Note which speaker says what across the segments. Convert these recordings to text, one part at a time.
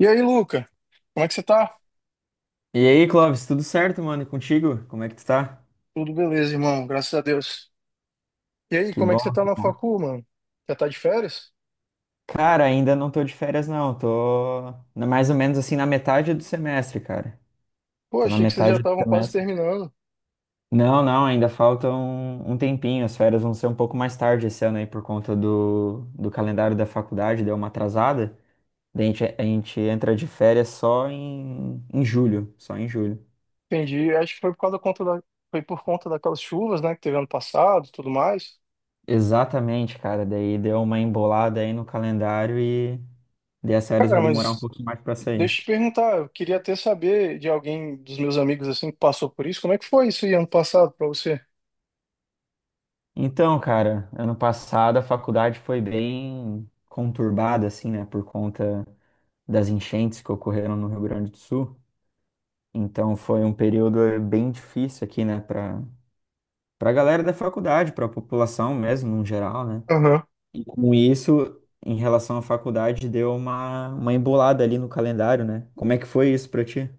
Speaker 1: E aí, Luca? Como é que você tá?
Speaker 2: E aí, Clóvis, tudo certo, mano? E contigo? Como é que tu tá?
Speaker 1: Tudo beleza, irmão, graças a Deus. E aí,
Speaker 2: Que
Speaker 1: como é que você
Speaker 2: bom,
Speaker 1: tá
Speaker 2: que
Speaker 1: na
Speaker 2: bom.
Speaker 1: facu, mano? Já tá de férias?
Speaker 2: Cara, ainda não tô de férias, não. Mais ou menos assim na metade do semestre, cara.
Speaker 1: Pô,
Speaker 2: Tô na
Speaker 1: achei que vocês já
Speaker 2: metade do
Speaker 1: estavam quase
Speaker 2: semestre.
Speaker 1: terminando.
Speaker 2: Não, não, ainda falta um tempinho. As férias vão ser um pouco mais tarde esse ano aí por conta do calendário da faculdade, deu uma atrasada. Daí a gente entra de férias só em julho, só em julho.
Speaker 1: Entendi. Acho que foi por causa da conta da... foi por conta daquelas chuvas, né, que teve ano passado, e tudo mais.
Speaker 2: Exatamente, cara. Daí deu uma embolada aí no calendário e daí as férias vai
Speaker 1: Cara,
Speaker 2: demorar um
Speaker 1: mas
Speaker 2: pouquinho mais pra
Speaker 1: deixa
Speaker 2: sair.
Speaker 1: eu te perguntar, eu queria até saber de alguém dos meus amigos assim que passou por isso, como é que foi isso aí ano passado pra você?
Speaker 2: Então, cara, ano passado a faculdade foi bem conturbada, assim, né, por conta das enchentes que ocorreram no Rio Grande do Sul. Então, foi um período bem difícil aqui, né, para a galera da faculdade, para a população mesmo, no geral, né. E com isso, em relação à faculdade, deu uma embolada ali no calendário, né. Como é que foi isso pra ti?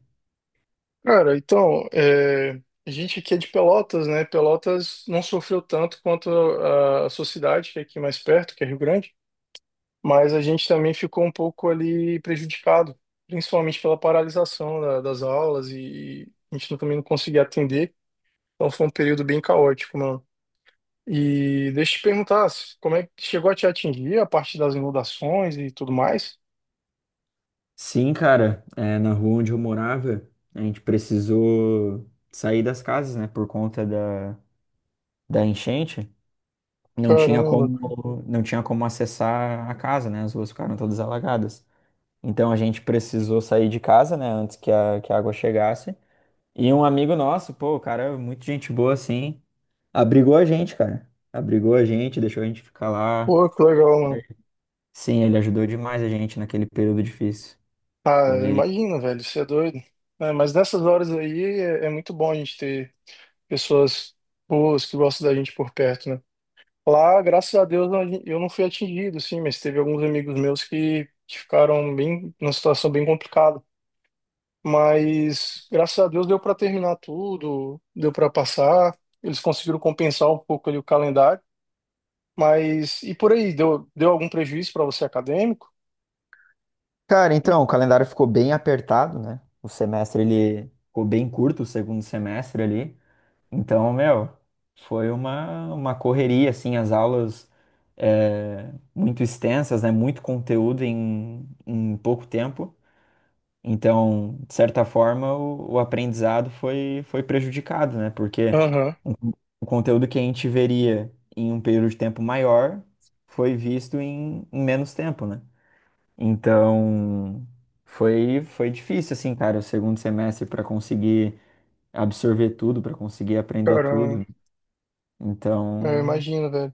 Speaker 1: Cara, então, é, a gente aqui é de Pelotas, né? Pelotas não sofreu tanto quanto a sua cidade, que é aqui mais perto, que é Rio Grande, mas a gente também ficou um pouco ali prejudicado, principalmente pela paralisação das aulas e, a gente também não conseguia atender. Então foi um período bem caótico, mano. E deixa eu te perguntar, como é que chegou a te atingir a parte das inundações e tudo mais?
Speaker 2: Sim, cara, é, na rua onde eu morava, a gente precisou sair das casas, né, por conta da enchente. Não tinha
Speaker 1: Caramba, cara.
Speaker 2: como, não tinha como acessar a casa, né? As ruas ficaram todas alagadas. Então a gente precisou sair de casa, né? Antes que a água chegasse. E um amigo nosso, pô, o cara, é muito gente boa assim, abrigou a gente, cara. Abrigou a gente, deixou a gente ficar lá.
Speaker 1: Pô, que legal, mano.
Speaker 2: Sim, ele ajudou demais a gente naquele período difícil.
Speaker 1: Ah, eu
Speaker 2: Foi.
Speaker 1: imagino, velho, você é doido. É, mas nessas horas aí é muito bom a gente ter pessoas boas que gostam da gente por perto, né? Lá, graças a Deus, eu não fui atingido, sim, mas teve alguns amigos meus que ficaram bem, numa situação bem complicada. Mas graças a Deus deu para terminar tudo, deu para passar, eles conseguiram compensar um pouco ali o calendário. Mas e por aí, deu algum prejuízo para você acadêmico?
Speaker 2: Cara, então, o calendário ficou bem apertado, né? O semestre ele ficou bem curto, o segundo semestre ali. Então, meu, foi uma correria, assim, as aulas muito extensas, né? Muito conteúdo em pouco tempo. Então, de certa forma, o aprendizado foi prejudicado, né? Porque
Speaker 1: Aham.
Speaker 2: um, o conteúdo que a gente veria em um período de tempo maior foi visto em menos tempo, né? Então, foi difícil, assim, cara, o segundo semestre para conseguir absorver tudo, para conseguir aprender
Speaker 1: Caramba,
Speaker 2: tudo.
Speaker 1: eu
Speaker 2: Então,
Speaker 1: imagino, velho.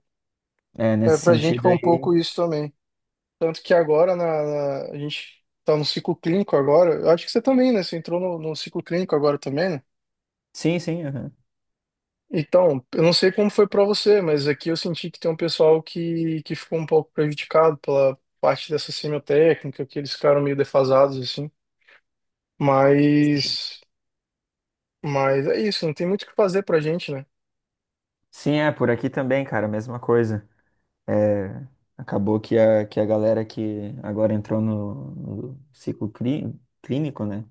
Speaker 1: É,
Speaker 2: nesse
Speaker 1: pra gente
Speaker 2: sentido
Speaker 1: foi um
Speaker 2: aí.
Speaker 1: pouco isso também. Tanto que agora a gente tá no ciclo clínico agora. Eu acho que você também, né? Você entrou no ciclo clínico agora também, né?
Speaker 2: Sim, sim, aham.
Speaker 1: Então, eu não sei como foi pra você, mas aqui eu senti que tem um pessoal que ficou um pouco prejudicado pela parte dessa semiotécnica, que eles ficaram meio defasados, assim.
Speaker 2: Sim,
Speaker 1: Mas, mas é isso, não tem muito o que fazer pra gente, né?
Speaker 2: sim, é, por aqui também, cara, mesma coisa. É, acabou que a galera que agora entrou no ciclo clínico, né?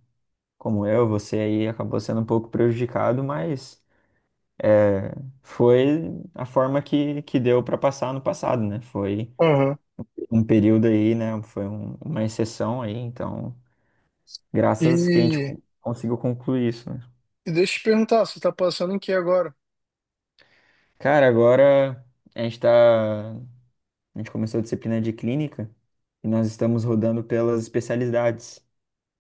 Speaker 2: Como eu, você aí acabou sendo um pouco prejudicado, mas é, foi a forma que deu para passar no passado, né? Foi
Speaker 1: Aham.
Speaker 2: um período aí, né? Uma exceção aí, então, graças que a gente
Speaker 1: E,
Speaker 2: conseguiu concluir isso, né?
Speaker 1: e deixa eu te perguntar, você tá passando em que agora?
Speaker 2: Cara, agora a gente tá. A gente começou a disciplina de clínica e nós estamos rodando pelas especialidades.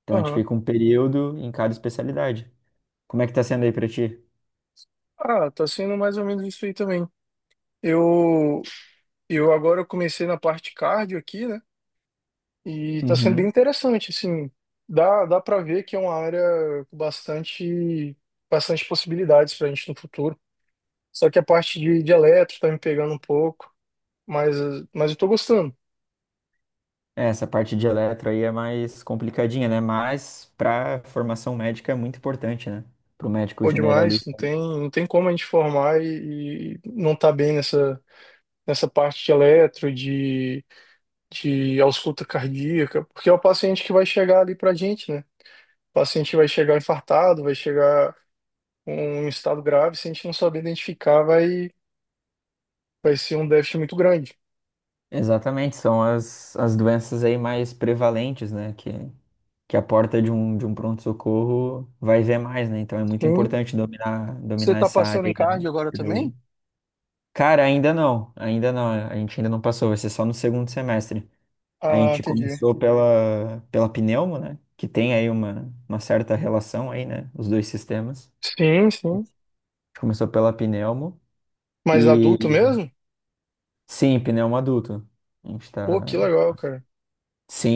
Speaker 2: Então a gente
Speaker 1: Aham.
Speaker 2: fica um período em cada especialidade. Como é que tá sendo aí pra ti?
Speaker 1: Ah, tá sendo mais ou menos isso aí também. Eu, Eu agora comecei na parte cardio aqui, né? E tá sendo bem
Speaker 2: Uhum.
Speaker 1: interessante, assim. Dá para ver que é uma área com bastante, bastante possibilidades pra gente no futuro. Só que a parte de eletro tá me pegando um pouco, mas, mas eu tô gostando.
Speaker 2: É, essa parte de eletro aí é mais complicadinha, né? Mas pra formação médica é muito importante, né? Pro médico
Speaker 1: Pô, demais,
Speaker 2: generalista.
Speaker 1: não tem como a gente formar e não tá bem nessa, nessa parte de eletro, de ausculta cardíaca, porque é o paciente que vai chegar ali pra gente, né? O paciente vai chegar infartado, vai chegar um estado grave, se a gente não saber identificar, vai, vai ser um déficit muito grande.
Speaker 2: Exatamente, são as doenças aí mais prevalentes, né? Que a porta de um pronto-socorro vai ver mais, né? Então é muito
Speaker 1: Sim.
Speaker 2: importante dominar,
Speaker 1: Você
Speaker 2: dominar
Speaker 1: tá
Speaker 2: essa
Speaker 1: passando
Speaker 2: área
Speaker 1: em
Speaker 2: aí da
Speaker 1: cardio agora também?
Speaker 2: cardiologia. Cara, ainda não, a gente ainda não passou, vai ser só no segundo semestre. A
Speaker 1: Ah,
Speaker 2: gente
Speaker 1: entendi.
Speaker 2: começou pela pneumo, né? Que tem aí uma certa relação aí, né? Os dois sistemas.
Speaker 1: Sim,
Speaker 2: A
Speaker 1: sim.
Speaker 2: gente começou pela pneumo
Speaker 1: Mas
Speaker 2: e
Speaker 1: adulto mesmo?
Speaker 2: sim, pneumo adulto. A gente
Speaker 1: Pô, que
Speaker 2: tá.
Speaker 1: legal, cara.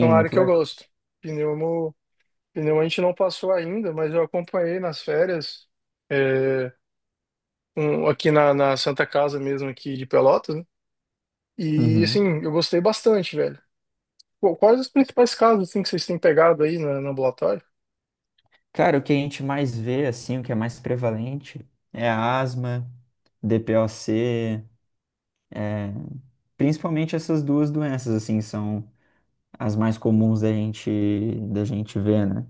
Speaker 1: É uma área
Speaker 2: muito
Speaker 1: que eu
Speaker 2: legal.
Speaker 1: gosto. Pneumo, pneumo a gente não passou ainda, mas eu acompanhei nas férias, é, aqui na Santa Casa mesmo, aqui de Pelotas, né? E,
Speaker 2: Uhum.
Speaker 1: assim, eu gostei bastante, velho. Pô, quais os principais casos, assim, que vocês têm pegado aí no ambulatório?
Speaker 2: Cara, o que a gente mais vê, assim, o que é mais prevalente é a asma, DPOC, principalmente essas duas doenças, assim, são as mais comuns da gente ver, né?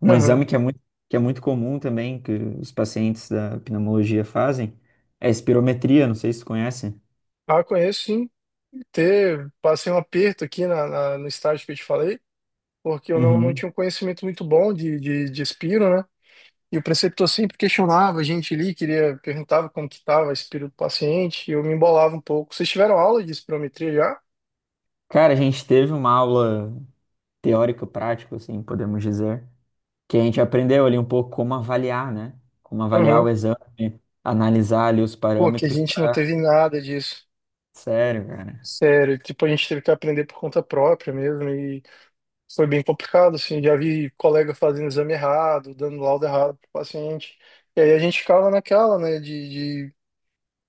Speaker 2: Um
Speaker 1: Aham.
Speaker 2: exame que é muito comum também, que os pacientes da pneumologia fazem, é a espirometria, não sei se você conhece.
Speaker 1: Ah, conheço, sim. Ter, passei um aperto aqui no estágio que eu te falei, porque eu não
Speaker 2: Uhum.
Speaker 1: tinha um conhecimento muito bom de Espiro, né? E o preceptor sempre questionava a gente ali, queria, perguntava como que estava a Espiro do paciente, e eu me embolava um pouco. Vocês tiveram aula de espirometria já?
Speaker 2: Cara, a gente teve uma aula teórica-prática, assim, podemos dizer, que a gente aprendeu ali um pouco como avaliar, né? Como avaliar
Speaker 1: Aham.
Speaker 2: o exame, analisar ali os
Speaker 1: Pô, que a
Speaker 2: parâmetros
Speaker 1: gente não
Speaker 2: para.
Speaker 1: teve nada disso.
Speaker 2: Sério, cara.
Speaker 1: Sério, tipo, a gente teve que aprender por conta própria mesmo, e foi bem complicado, assim, já vi colega fazendo exame errado, dando laudo errado pro paciente, e aí a gente ficava naquela, né,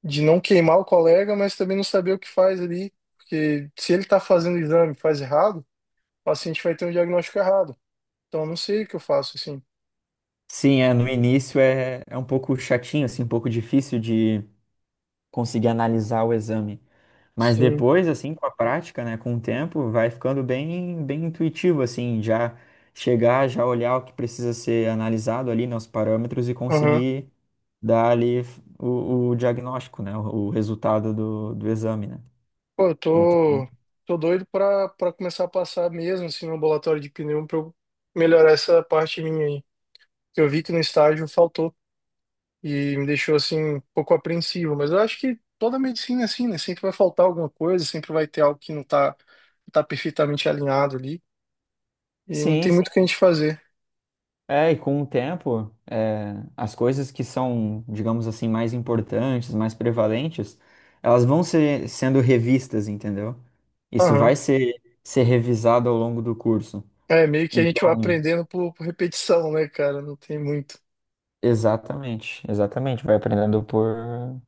Speaker 1: de não queimar o colega, mas também não saber o que faz ali, porque se ele está fazendo o exame e faz errado, o paciente vai ter um diagnóstico errado. Então eu não sei o que eu faço assim.
Speaker 2: Sim, é, no início é um pouco chatinho, assim, um pouco difícil de conseguir analisar o exame. Mas
Speaker 1: Sim.
Speaker 2: depois, assim, com a prática, né, com o tempo, vai ficando bem, bem intuitivo, assim, já chegar, já olhar o que precisa ser analisado ali, né, os parâmetros e
Speaker 1: Aham.
Speaker 2: conseguir dar ali o diagnóstico, né, o resultado do exame, né?
Speaker 1: Pô, eu
Speaker 2: Então,
Speaker 1: tô, tô doido pra começar a passar mesmo assim no ambulatório de pneu pra eu melhorar essa parte minha aí. Que eu vi que no estágio faltou e me deixou assim um pouco apreensivo, mas eu acho que toda medicina é assim, né? Sempre vai faltar alguma coisa, sempre vai ter algo que não tá, não tá perfeitamente alinhado ali e não
Speaker 2: sim,
Speaker 1: tem muito
Speaker 2: sim.
Speaker 1: o que a gente fazer.
Speaker 2: É, e com o tempo, as coisas que são, digamos assim, mais importantes, mais prevalentes, elas vão ser sendo revistas, entendeu? Isso
Speaker 1: Aham.
Speaker 2: vai ser revisado ao longo do curso.
Speaker 1: É, meio que a gente vai
Speaker 2: Então,
Speaker 1: aprendendo por repetição, né, cara? Não tem muito.
Speaker 2: exatamente, exatamente. Vai aprendendo por,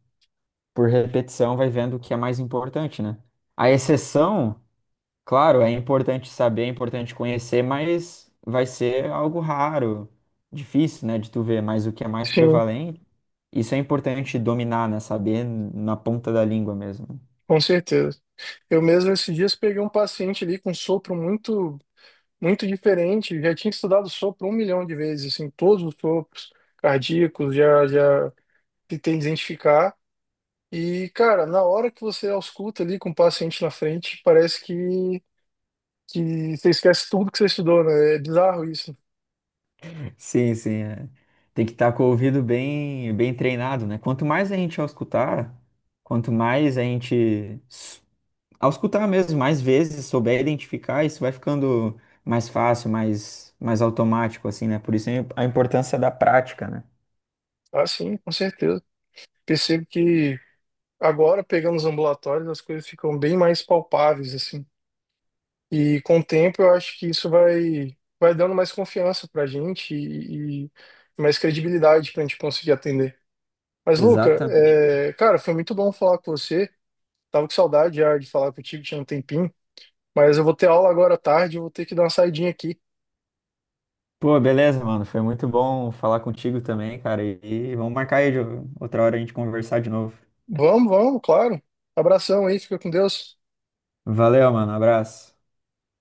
Speaker 2: por repetição, vai vendo o que é mais importante, né? A exceção. Claro, é importante saber, é importante conhecer, mas vai ser algo raro, difícil, né, de tu ver, mas o que é mais
Speaker 1: Sim,
Speaker 2: prevalente, isso é importante dominar, né, saber na ponta da língua mesmo.
Speaker 1: com certeza. Eu mesmo esses dias peguei um paciente ali com sopro muito, muito diferente. Já tinha estudado sopro um milhão de vezes, assim, todos os sopros cardíacos, já, já tentei identificar. E, cara, na hora que você ausculta ali com o paciente na frente, parece que você esquece tudo que você estudou, né? É bizarro isso.
Speaker 2: Sim, sim, é. Tem que estar com o ouvido bem, bem treinado, né? Quanto mais a gente auscultar, quanto mais a gente auscultar mesmo, mais vezes souber identificar, isso vai ficando mais fácil, mais automático, assim, né? Por isso a importância da prática, né?
Speaker 1: Ah, sim, com certeza. Percebo que agora, pegando os ambulatórios, as coisas ficam bem mais palpáveis, assim. E com o tempo, eu acho que isso vai, vai dando mais confiança pra gente e mais credibilidade pra gente conseguir atender. Mas, Luca,
Speaker 2: Exatamente.
Speaker 1: é, cara, foi muito bom falar com você. Tava com saudade já de falar contigo, tinha um tempinho. Mas eu vou ter aula agora à tarde, eu vou ter que dar uma saidinha aqui.
Speaker 2: Pô, beleza, mano. Foi muito bom falar contigo também, cara. E vamos marcar aí de outra hora a gente conversar de novo.
Speaker 1: Vamos, vamos, claro. Abração aí, fica com Deus.
Speaker 2: Valeu, mano. Abraço.